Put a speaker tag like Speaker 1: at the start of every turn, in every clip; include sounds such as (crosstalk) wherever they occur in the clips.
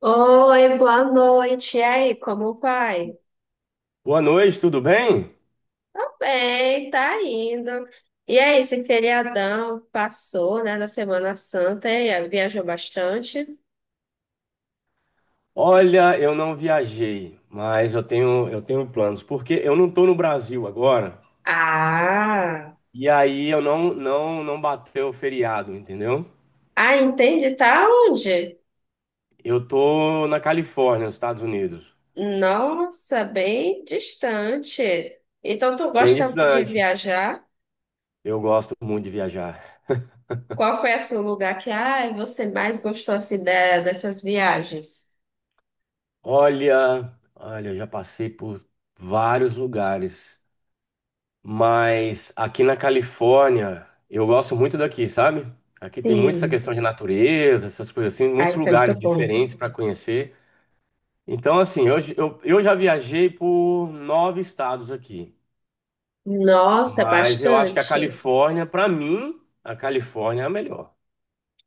Speaker 1: Oi, boa noite. E aí, como vai?
Speaker 2: Boa noite, tudo bem?
Speaker 1: Tô bem, tá indo. E aí, esse feriadão passou, né, da Semana Santa e aí, viajou bastante?
Speaker 2: Olha, eu não viajei, mas eu tenho planos, porque eu não estou no Brasil agora,
Speaker 1: Ah,
Speaker 2: e aí eu não bateu o feriado, entendeu?
Speaker 1: ah, entendi. Tá onde?
Speaker 2: Eu estou na Califórnia, nos Estados Unidos,
Speaker 1: Nossa, bem distante. Então, tu
Speaker 2: bem
Speaker 1: gosta de
Speaker 2: distante.
Speaker 1: viajar?
Speaker 2: Eu gosto muito de viajar.
Speaker 1: Qual foi assim, o lugar que você mais gostou assim, das suas viagens?
Speaker 2: Olha, eu já passei por vários lugares. Mas aqui na Califórnia, eu gosto muito daqui, sabe? Aqui tem muito essa
Speaker 1: Sim.
Speaker 2: questão de natureza, essas coisas assim,
Speaker 1: Ah,
Speaker 2: muitos
Speaker 1: isso é muito
Speaker 2: lugares
Speaker 1: bom.
Speaker 2: diferentes para conhecer. Então, assim, eu já viajei por nove estados aqui,
Speaker 1: Nossa,
Speaker 2: mas eu acho que a
Speaker 1: bastante.
Speaker 2: Califórnia, para mim, a Califórnia é a melhor.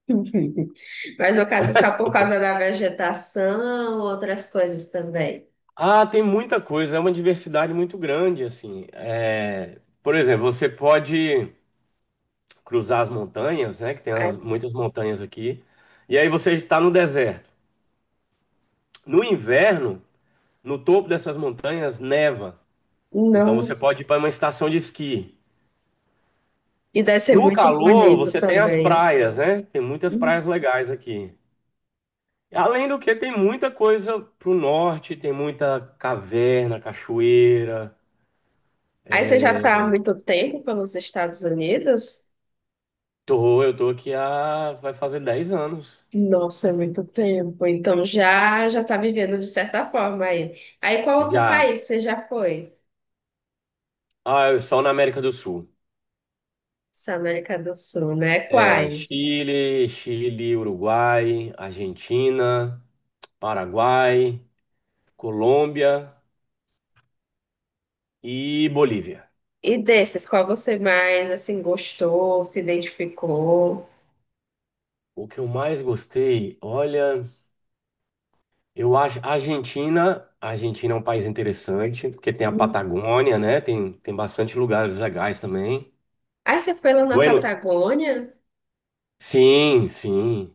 Speaker 1: (laughs) Mas no caso, é só por causa da vegetação, outras coisas também.
Speaker 2: Ah, tem muita coisa, é uma diversidade muito grande, assim. É, por exemplo, você pode cruzar as montanhas, né? Que tem
Speaker 1: Ai,
Speaker 2: muitas montanhas aqui, e aí você está no deserto. No inverno, no topo dessas montanhas neva. Então
Speaker 1: não.
Speaker 2: você pode ir para uma estação de esqui.
Speaker 1: E deve ser
Speaker 2: No
Speaker 1: muito
Speaker 2: calor,
Speaker 1: bonito
Speaker 2: você tem as
Speaker 1: também.
Speaker 2: praias, né? Tem muitas praias legais aqui. Além do que, tem muita coisa pro norte, tem muita caverna, cachoeira.
Speaker 1: Aí você já está há muito tempo pelos Estados Unidos?
Speaker 2: Tô, eu tô aqui há, vai fazer 10 anos.
Speaker 1: Nossa, é muito tempo. Então já já está vivendo de certa forma aí. Aí qual outro
Speaker 2: Já.
Speaker 1: país você já foi?
Speaker 2: Ah, eu só na América do Sul.
Speaker 1: Essa América do Sul, né?
Speaker 2: É
Speaker 1: Quais?
Speaker 2: Chile, Uruguai, Argentina, Paraguai, Colômbia e Bolívia.
Speaker 1: E desses, qual você mais assim gostou, se identificou?
Speaker 2: O que eu mais gostei, olha, eu acho a Argentina é um país interessante, porque tem a
Speaker 1: Hum.
Speaker 2: Patagônia, né? Tem bastante lugares legais também.
Speaker 1: Aí você foi lá na
Speaker 2: Bueno,
Speaker 1: Patagônia?
Speaker 2: sim, sim,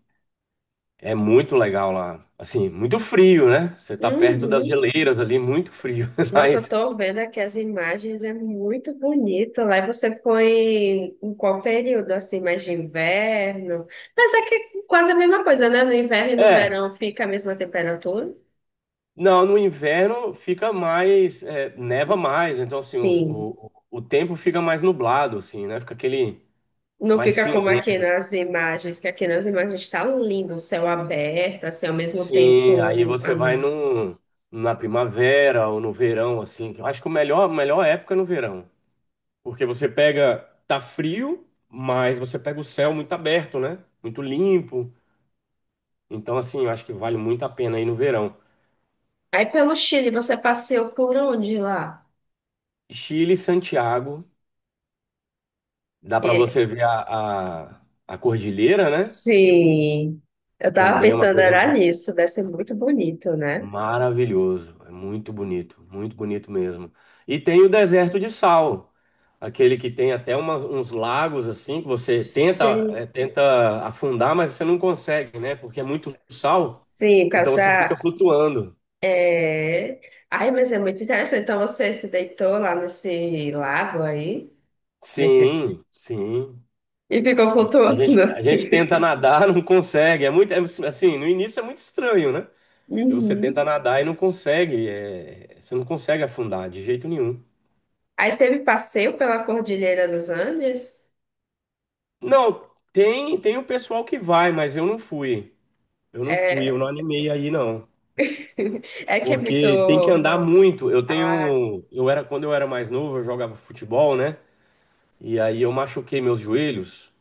Speaker 2: é muito legal lá. Assim, muito frio, né? Você tá perto das
Speaker 1: Uhum.
Speaker 2: geleiras ali, muito frio, (laughs)
Speaker 1: Nossa, eu
Speaker 2: mas
Speaker 1: tô vendo aqui as imagens, é muito bonito. Lá você foi em qual período, assim, mais de inverno? Mas é que quase a mesma coisa, né? No inverno e no
Speaker 2: é,
Speaker 1: verão fica a mesma temperatura?
Speaker 2: não, no inverno fica mais, neva mais, então assim, o,
Speaker 1: Sim.
Speaker 2: o, o tempo fica mais nublado, assim, né? Fica aquele
Speaker 1: Não
Speaker 2: mais
Speaker 1: fica como aqui
Speaker 2: cinzento.
Speaker 1: nas imagens, que aqui nas imagens está lindo, o céu aberto, assim, ao mesmo
Speaker 2: Sim, aí
Speaker 1: tempo. Ah,
Speaker 2: você vai
Speaker 1: não.
Speaker 2: na primavera ou no verão, assim. Eu acho que a melhor época é no verão. Porque você pega, tá frio, mas você pega o céu muito aberto, né? Muito limpo. Então, assim, eu acho que vale muito a pena ir no verão.
Speaker 1: Aí pelo Chile, você passeou por onde lá?
Speaker 2: Chile e Santiago, dá pra
Speaker 1: E-
Speaker 2: você ver a cordilheira, né?
Speaker 1: Sim. Eu tava
Speaker 2: Também é uma
Speaker 1: pensando,
Speaker 2: coisa.
Speaker 1: era nisso, deve ser muito bonito, né?
Speaker 2: Maravilhoso, é muito bonito mesmo. E tem o deserto de sal, aquele que tem até uns lagos assim que você
Speaker 1: Sim.
Speaker 2: tenta afundar, mas você não consegue, né? Porque é muito sal,
Speaker 1: Sim, por
Speaker 2: então
Speaker 1: causa
Speaker 2: você fica
Speaker 1: da.
Speaker 2: flutuando.
Speaker 1: É... Ai, mas é muito interessante. Então você se deitou lá nesse lago aí, nesse...
Speaker 2: Sim, sim.
Speaker 1: e ficou
Speaker 2: A
Speaker 1: flutuando.
Speaker 2: gente, a gente tenta
Speaker 1: (laughs)
Speaker 2: nadar, (laughs) não consegue. É assim, no início é muito estranho, né? E você tenta
Speaker 1: Uhum.
Speaker 2: nadar e não consegue, você não consegue afundar de jeito nenhum.
Speaker 1: Aí teve passeio pela Cordilheira dos Andes.
Speaker 2: Não, tem o pessoal que vai, mas eu não fui. Eu não fui, eu
Speaker 1: É,
Speaker 2: não animei aí não.
Speaker 1: (laughs) é que é
Speaker 2: Porque tem que
Speaker 1: muito.
Speaker 2: andar muito. Eu
Speaker 1: Ah,
Speaker 2: tenho, eu era quando eu era mais novo, eu jogava futebol, né? E aí eu machuquei meus joelhos,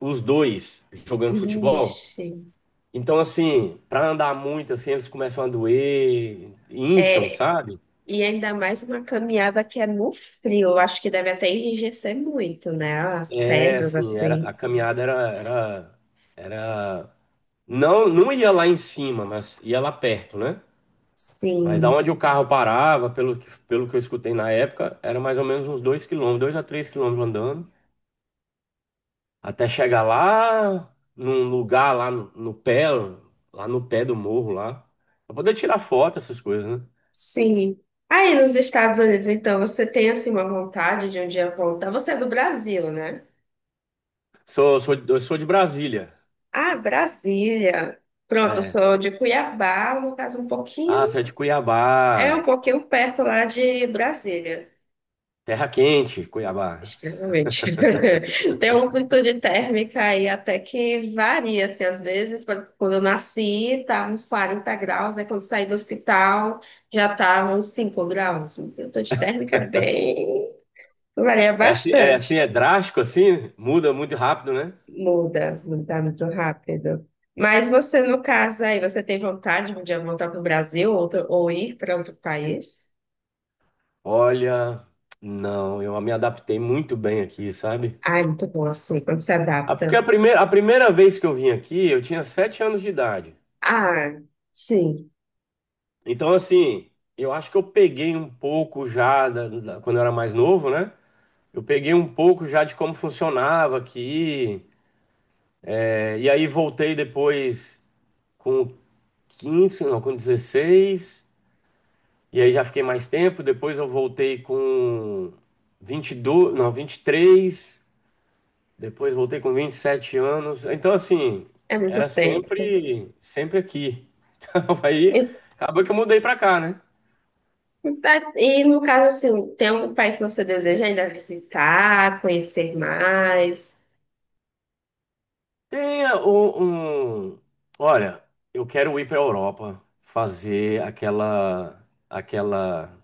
Speaker 2: os dois jogando futebol.
Speaker 1: vixe.
Speaker 2: Então assim, pra andar muito assim, eles começam a doer, incham,
Speaker 1: É,
Speaker 2: sabe?
Speaker 1: e ainda mais uma caminhada que é no frio. Eu acho que deve até enrijecer muito, né? As
Speaker 2: É,
Speaker 1: pernas
Speaker 2: assim, era a
Speaker 1: assim.
Speaker 2: caminhada era era era não não ia lá em cima, mas ia lá perto, né? Mas da
Speaker 1: Sim.
Speaker 2: onde o carro parava, pelo que eu escutei na época, era mais ou menos uns 2 km, 2 a 3 km andando, até chegar lá num lugar lá no pé, lá no pé do morro lá, pra poder tirar foto, essas coisas, né?
Speaker 1: Sim. Aí nos Estados Unidos, então, você tem assim uma vontade de um dia voltar. Você é do Brasil, né?
Speaker 2: Sou, sou, eu sou de Brasília.
Speaker 1: Ah, Brasília. Pronto, eu
Speaker 2: É.
Speaker 1: sou de Cuiabá, no caso um pouquinho,
Speaker 2: Ah, você é de
Speaker 1: é um
Speaker 2: Cuiabá.
Speaker 1: pouquinho perto lá de Brasília.
Speaker 2: Terra quente, Cuiabá.
Speaker 1: Extremamente. (laughs) Tem uma amplitude térmica aí até que varia, assim, às vezes, quando eu nasci, estava uns 40 graus, aí quando saí do hospital já estava uns 5 graus. A amplitude térmica é bem... varia
Speaker 2: É assim,
Speaker 1: bastante.
Speaker 2: é drástico assim, muda muito rápido, né?
Speaker 1: Mudar muito rápido. Mas você, no caso aí, você tem vontade de voltar para o Brasil ou ir para outro país?
Speaker 2: Olha, não, eu me adaptei muito bem aqui, sabe?
Speaker 1: Ah, é muito bom assim, quando se
Speaker 2: Ah, porque a
Speaker 1: adapta.
Speaker 2: primeira, a primeira vez que eu vim aqui, eu tinha 7 anos de idade.
Speaker 1: Ah, sim,
Speaker 2: Então, assim, eu acho que eu peguei um pouco já, quando eu era mais novo, né? Eu peguei um pouco já de como funcionava aqui. É, e aí voltei depois com 15 não, com 16. E aí já fiquei mais tempo. Depois eu voltei com 22 não, 23. Depois voltei com 27 anos. Então, assim,
Speaker 1: é muito
Speaker 2: era
Speaker 1: tempo.
Speaker 2: sempre, sempre aqui. (laughs) Então, aí,
Speaker 1: E,
Speaker 2: acabou que eu mudei pra cá, né?
Speaker 1: e, no caso, assim, tem algum país que você deseja ainda visitar, conhecer mais?
Speaker 2: Tem a- o- um, Olha, eu quero ir pra Europa fazer aquela, aquela,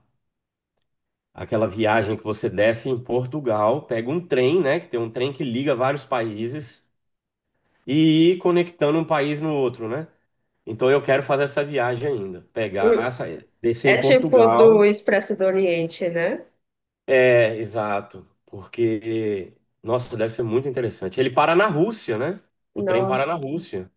Speaker 2: aquela viagem que você desce em Portugal, pega um trem, né? Que tem um trem que liga vários países e ir conectando um país no outro, né? Então, eu quero fazer essa viagem ainda. Pegar,
Speaker 1: Hum,
Speaker 2: descer
Speaker 1: É
Speaker 2: em
Speaker 1: tipo do
Speaker 2: Portugal.
Speaker 1: Expresso do Oriente, né?
Speaker 2: É, exato. Porque, nossa, deve ser muito interessante. Ele para na Rússia, né? O trem para na
Speaker 1: Nossa,
Speaker 2: Rússia.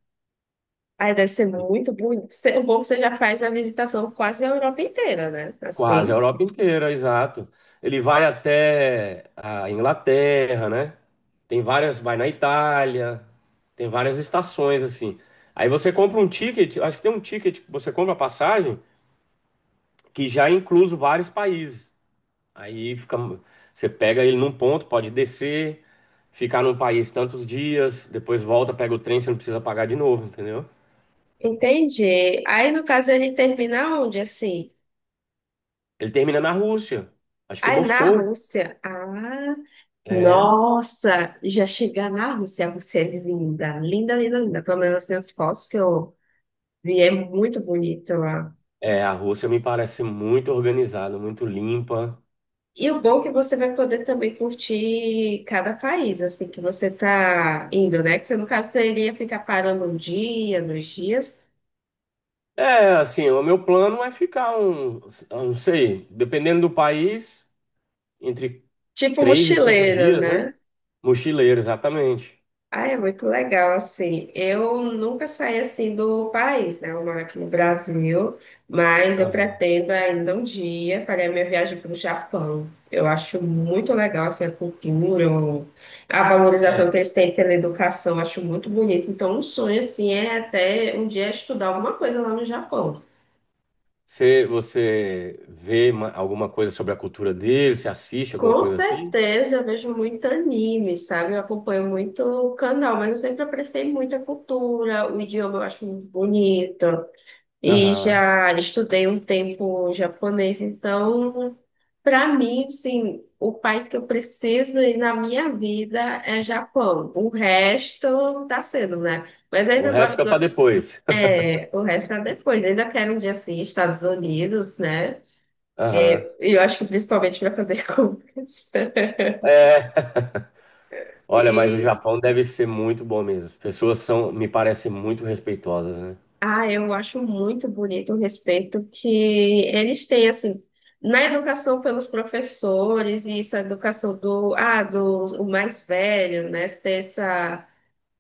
Speaker 1: aí deve ser muito bonito. O bom é que você já faz a visitação quase a Europa inteira, né?
Speaker 2: Quase a
Speaker 1: Assim.
Speaker 2: Europa inteira, exato. Ele vai até a Inglaterra, né? Tem várias, vai na Itália, tem várias estações assim. Aí você compra um ticket, acho que tem um ticket, que você compra a passagem que já é incluso vários países. Aí fica, você pega ele num ponto, pode descer, ficar num país tantos dias, depois volta, pega o trem, você não precisa pagar de novo, entendeu?
Speaker 1: Entendi. Aí, no caso, ele termina onde, assim?
Speaker 2: Ele termina na Rússia, acho que em
Speaker 1: Aí, na
Speaker 2: Moscou.
Speaker 1: Rússia. Ah,
Speaker 2: É,
Speaker 1: nossa! Já chegar na Rússia, você é linda. Linda, linda, linda. Pelo menos assim, as fotos que eu vi, é muito bonito lá.
Speaker 2: é, a Rússia me parece muito organizada, muito limpa.
Speaker 1: E o bom é que você vai poder também curtir cada país, assim, que você tá indo, né? Que você, no caso, você iria ficar parando um dia, dois dias.
Speaker 2: É, assim, o meu plano é ficar eu não sei, dependendo do país, entre
Speaker 1: Tipo
Speaker 2: três e cinco
Speaker 1: mochileiro,
Speaker 2: dias, né?
Speaker 1: né?
Speaker 2: Mochileiro, exatamente.
Speaker 1: Ah, é muito legal, assim. Eu nunca saí assim do país, né? Eu moro aqui no Brasil, mas eu
Speaker 2: Aham.
Speaker 1: pretendo ainda um dia fazer a minha viagem para o Japão. Eu acho muito legal, assim, a cultura, a valorização
Speaker 2: É.
Speaker 1: que eles têm pela educação, eu acho muito bonito. Então, um sonho, assim, é até um dia estudar alguma coisa lá no Japão.
Speaker 2: Você vê alguma coisa sobre a cultura dele? Você assiste alguma
Speaker 1: Com
Speaker 2: coisa assim?
Speaker 1: certeza, eu vejo muito anime, sabe? Eu acompanho muito o canal, mas eu sempre apreciei muito a cultura, o idioma eu acho bonito. E
Speaker 2: Aham.
Speaker 1: já estudei um tempo japonês, então, para mim, assim, o país que eu preciso ir na minha vida é Japão. O resto tá sendo, né? Mas
Speaker 2: O
Speaker 1: ainda
Speaker 2: resto
Speaker 1: agora,
Speaker 2: fica para depois.
Speaker 1: é, o resto é depois. Ainda quero um dia assim, Estados Unidos, né?
Speaker 2: (laughs) Aham.
Speaker 1: É, eu acho que principalmente para fazer (laughs) compras.
Speaker 2: É. (laughs) Olha, mas o
Speaker 1: E
Speaker 2: Japão deve ser muito bom mesmo. As pessoas são, me parecem muito respeitosas, né?
Speaker 1: Ah, eu acho muito bonito o respeito que eles têm, assim, na educação pelos professores e essa educação do o mais velho, né?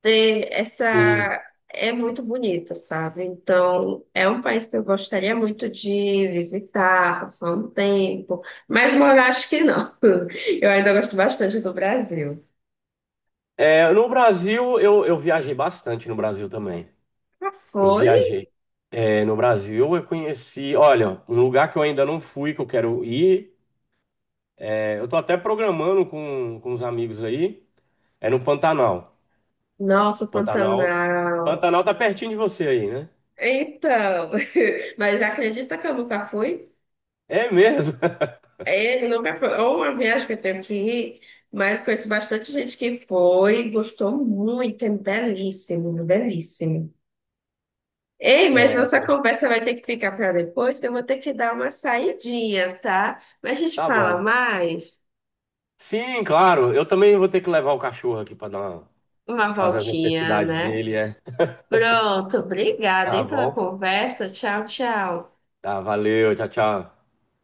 Speaker 1: ter
Speaker 2: Sim.
Speaker 1: essa, é muito bonito, sabe? Então, é um país que eu gostaria muito de visitar, passar um tempo, mas morar acho que não. (laughs) Eu ainda gosto bastante do Brasil.
Speaker 2: É, no Brasil, eu viajei bastante no Brasil também. Eu
Speaker 1: Foi?
Speaker 2: viajei. É, no Brasil, eu conheci. Olha, um lugar que eu ainda não fui, que eu quero ir. Eu tô até programando com os amigos aí. É no Pantanal.
Speaker 1: Nossa,
Speaker 2: Pantanal.
Speaker 1: Pantanal.
Speaker 2: Pantanal tá pertinho de você aí, né?
Speaker 1: Então, (laughs) mas acredita que eu nunca fui?
Speaker 2: É mesmo? (laughs)
Speaker 1: Ele não me apro- é uma viagem que eu tenho que ir, mas conheço bastante gente que foi, gostou muito, é belíssimo, belíssimo. Ei, mas nossa
Speaker 2: Coisa.
Speaker 1: conversa vai ter que ficar para depois, que eu vou ter que dar uma saidinha, tá? Mas a gente
Speaker 2: Tá
Speaker 1: fala
Speaker 2: bom.
Speaker 1: mais,
Speaker 2: Sim, claro. Eu também vou ter que levar o cachorro aqui para dar
Speaker 1: uma
Speaker 2: fazer as
Speaker 1: voltinha,
Speaker 2: necessidades
Speaker 1: né?
Speaker 2: dele.
Speaker 1: Pronto, obrigada,
Speaker 2: Tá
Speaker 1: hein, pela
Speaker 2: bom?
Speaker 1: conversa. Tchau, tchau.
Speaker 2: Tá, valeu. Tchau, tchau.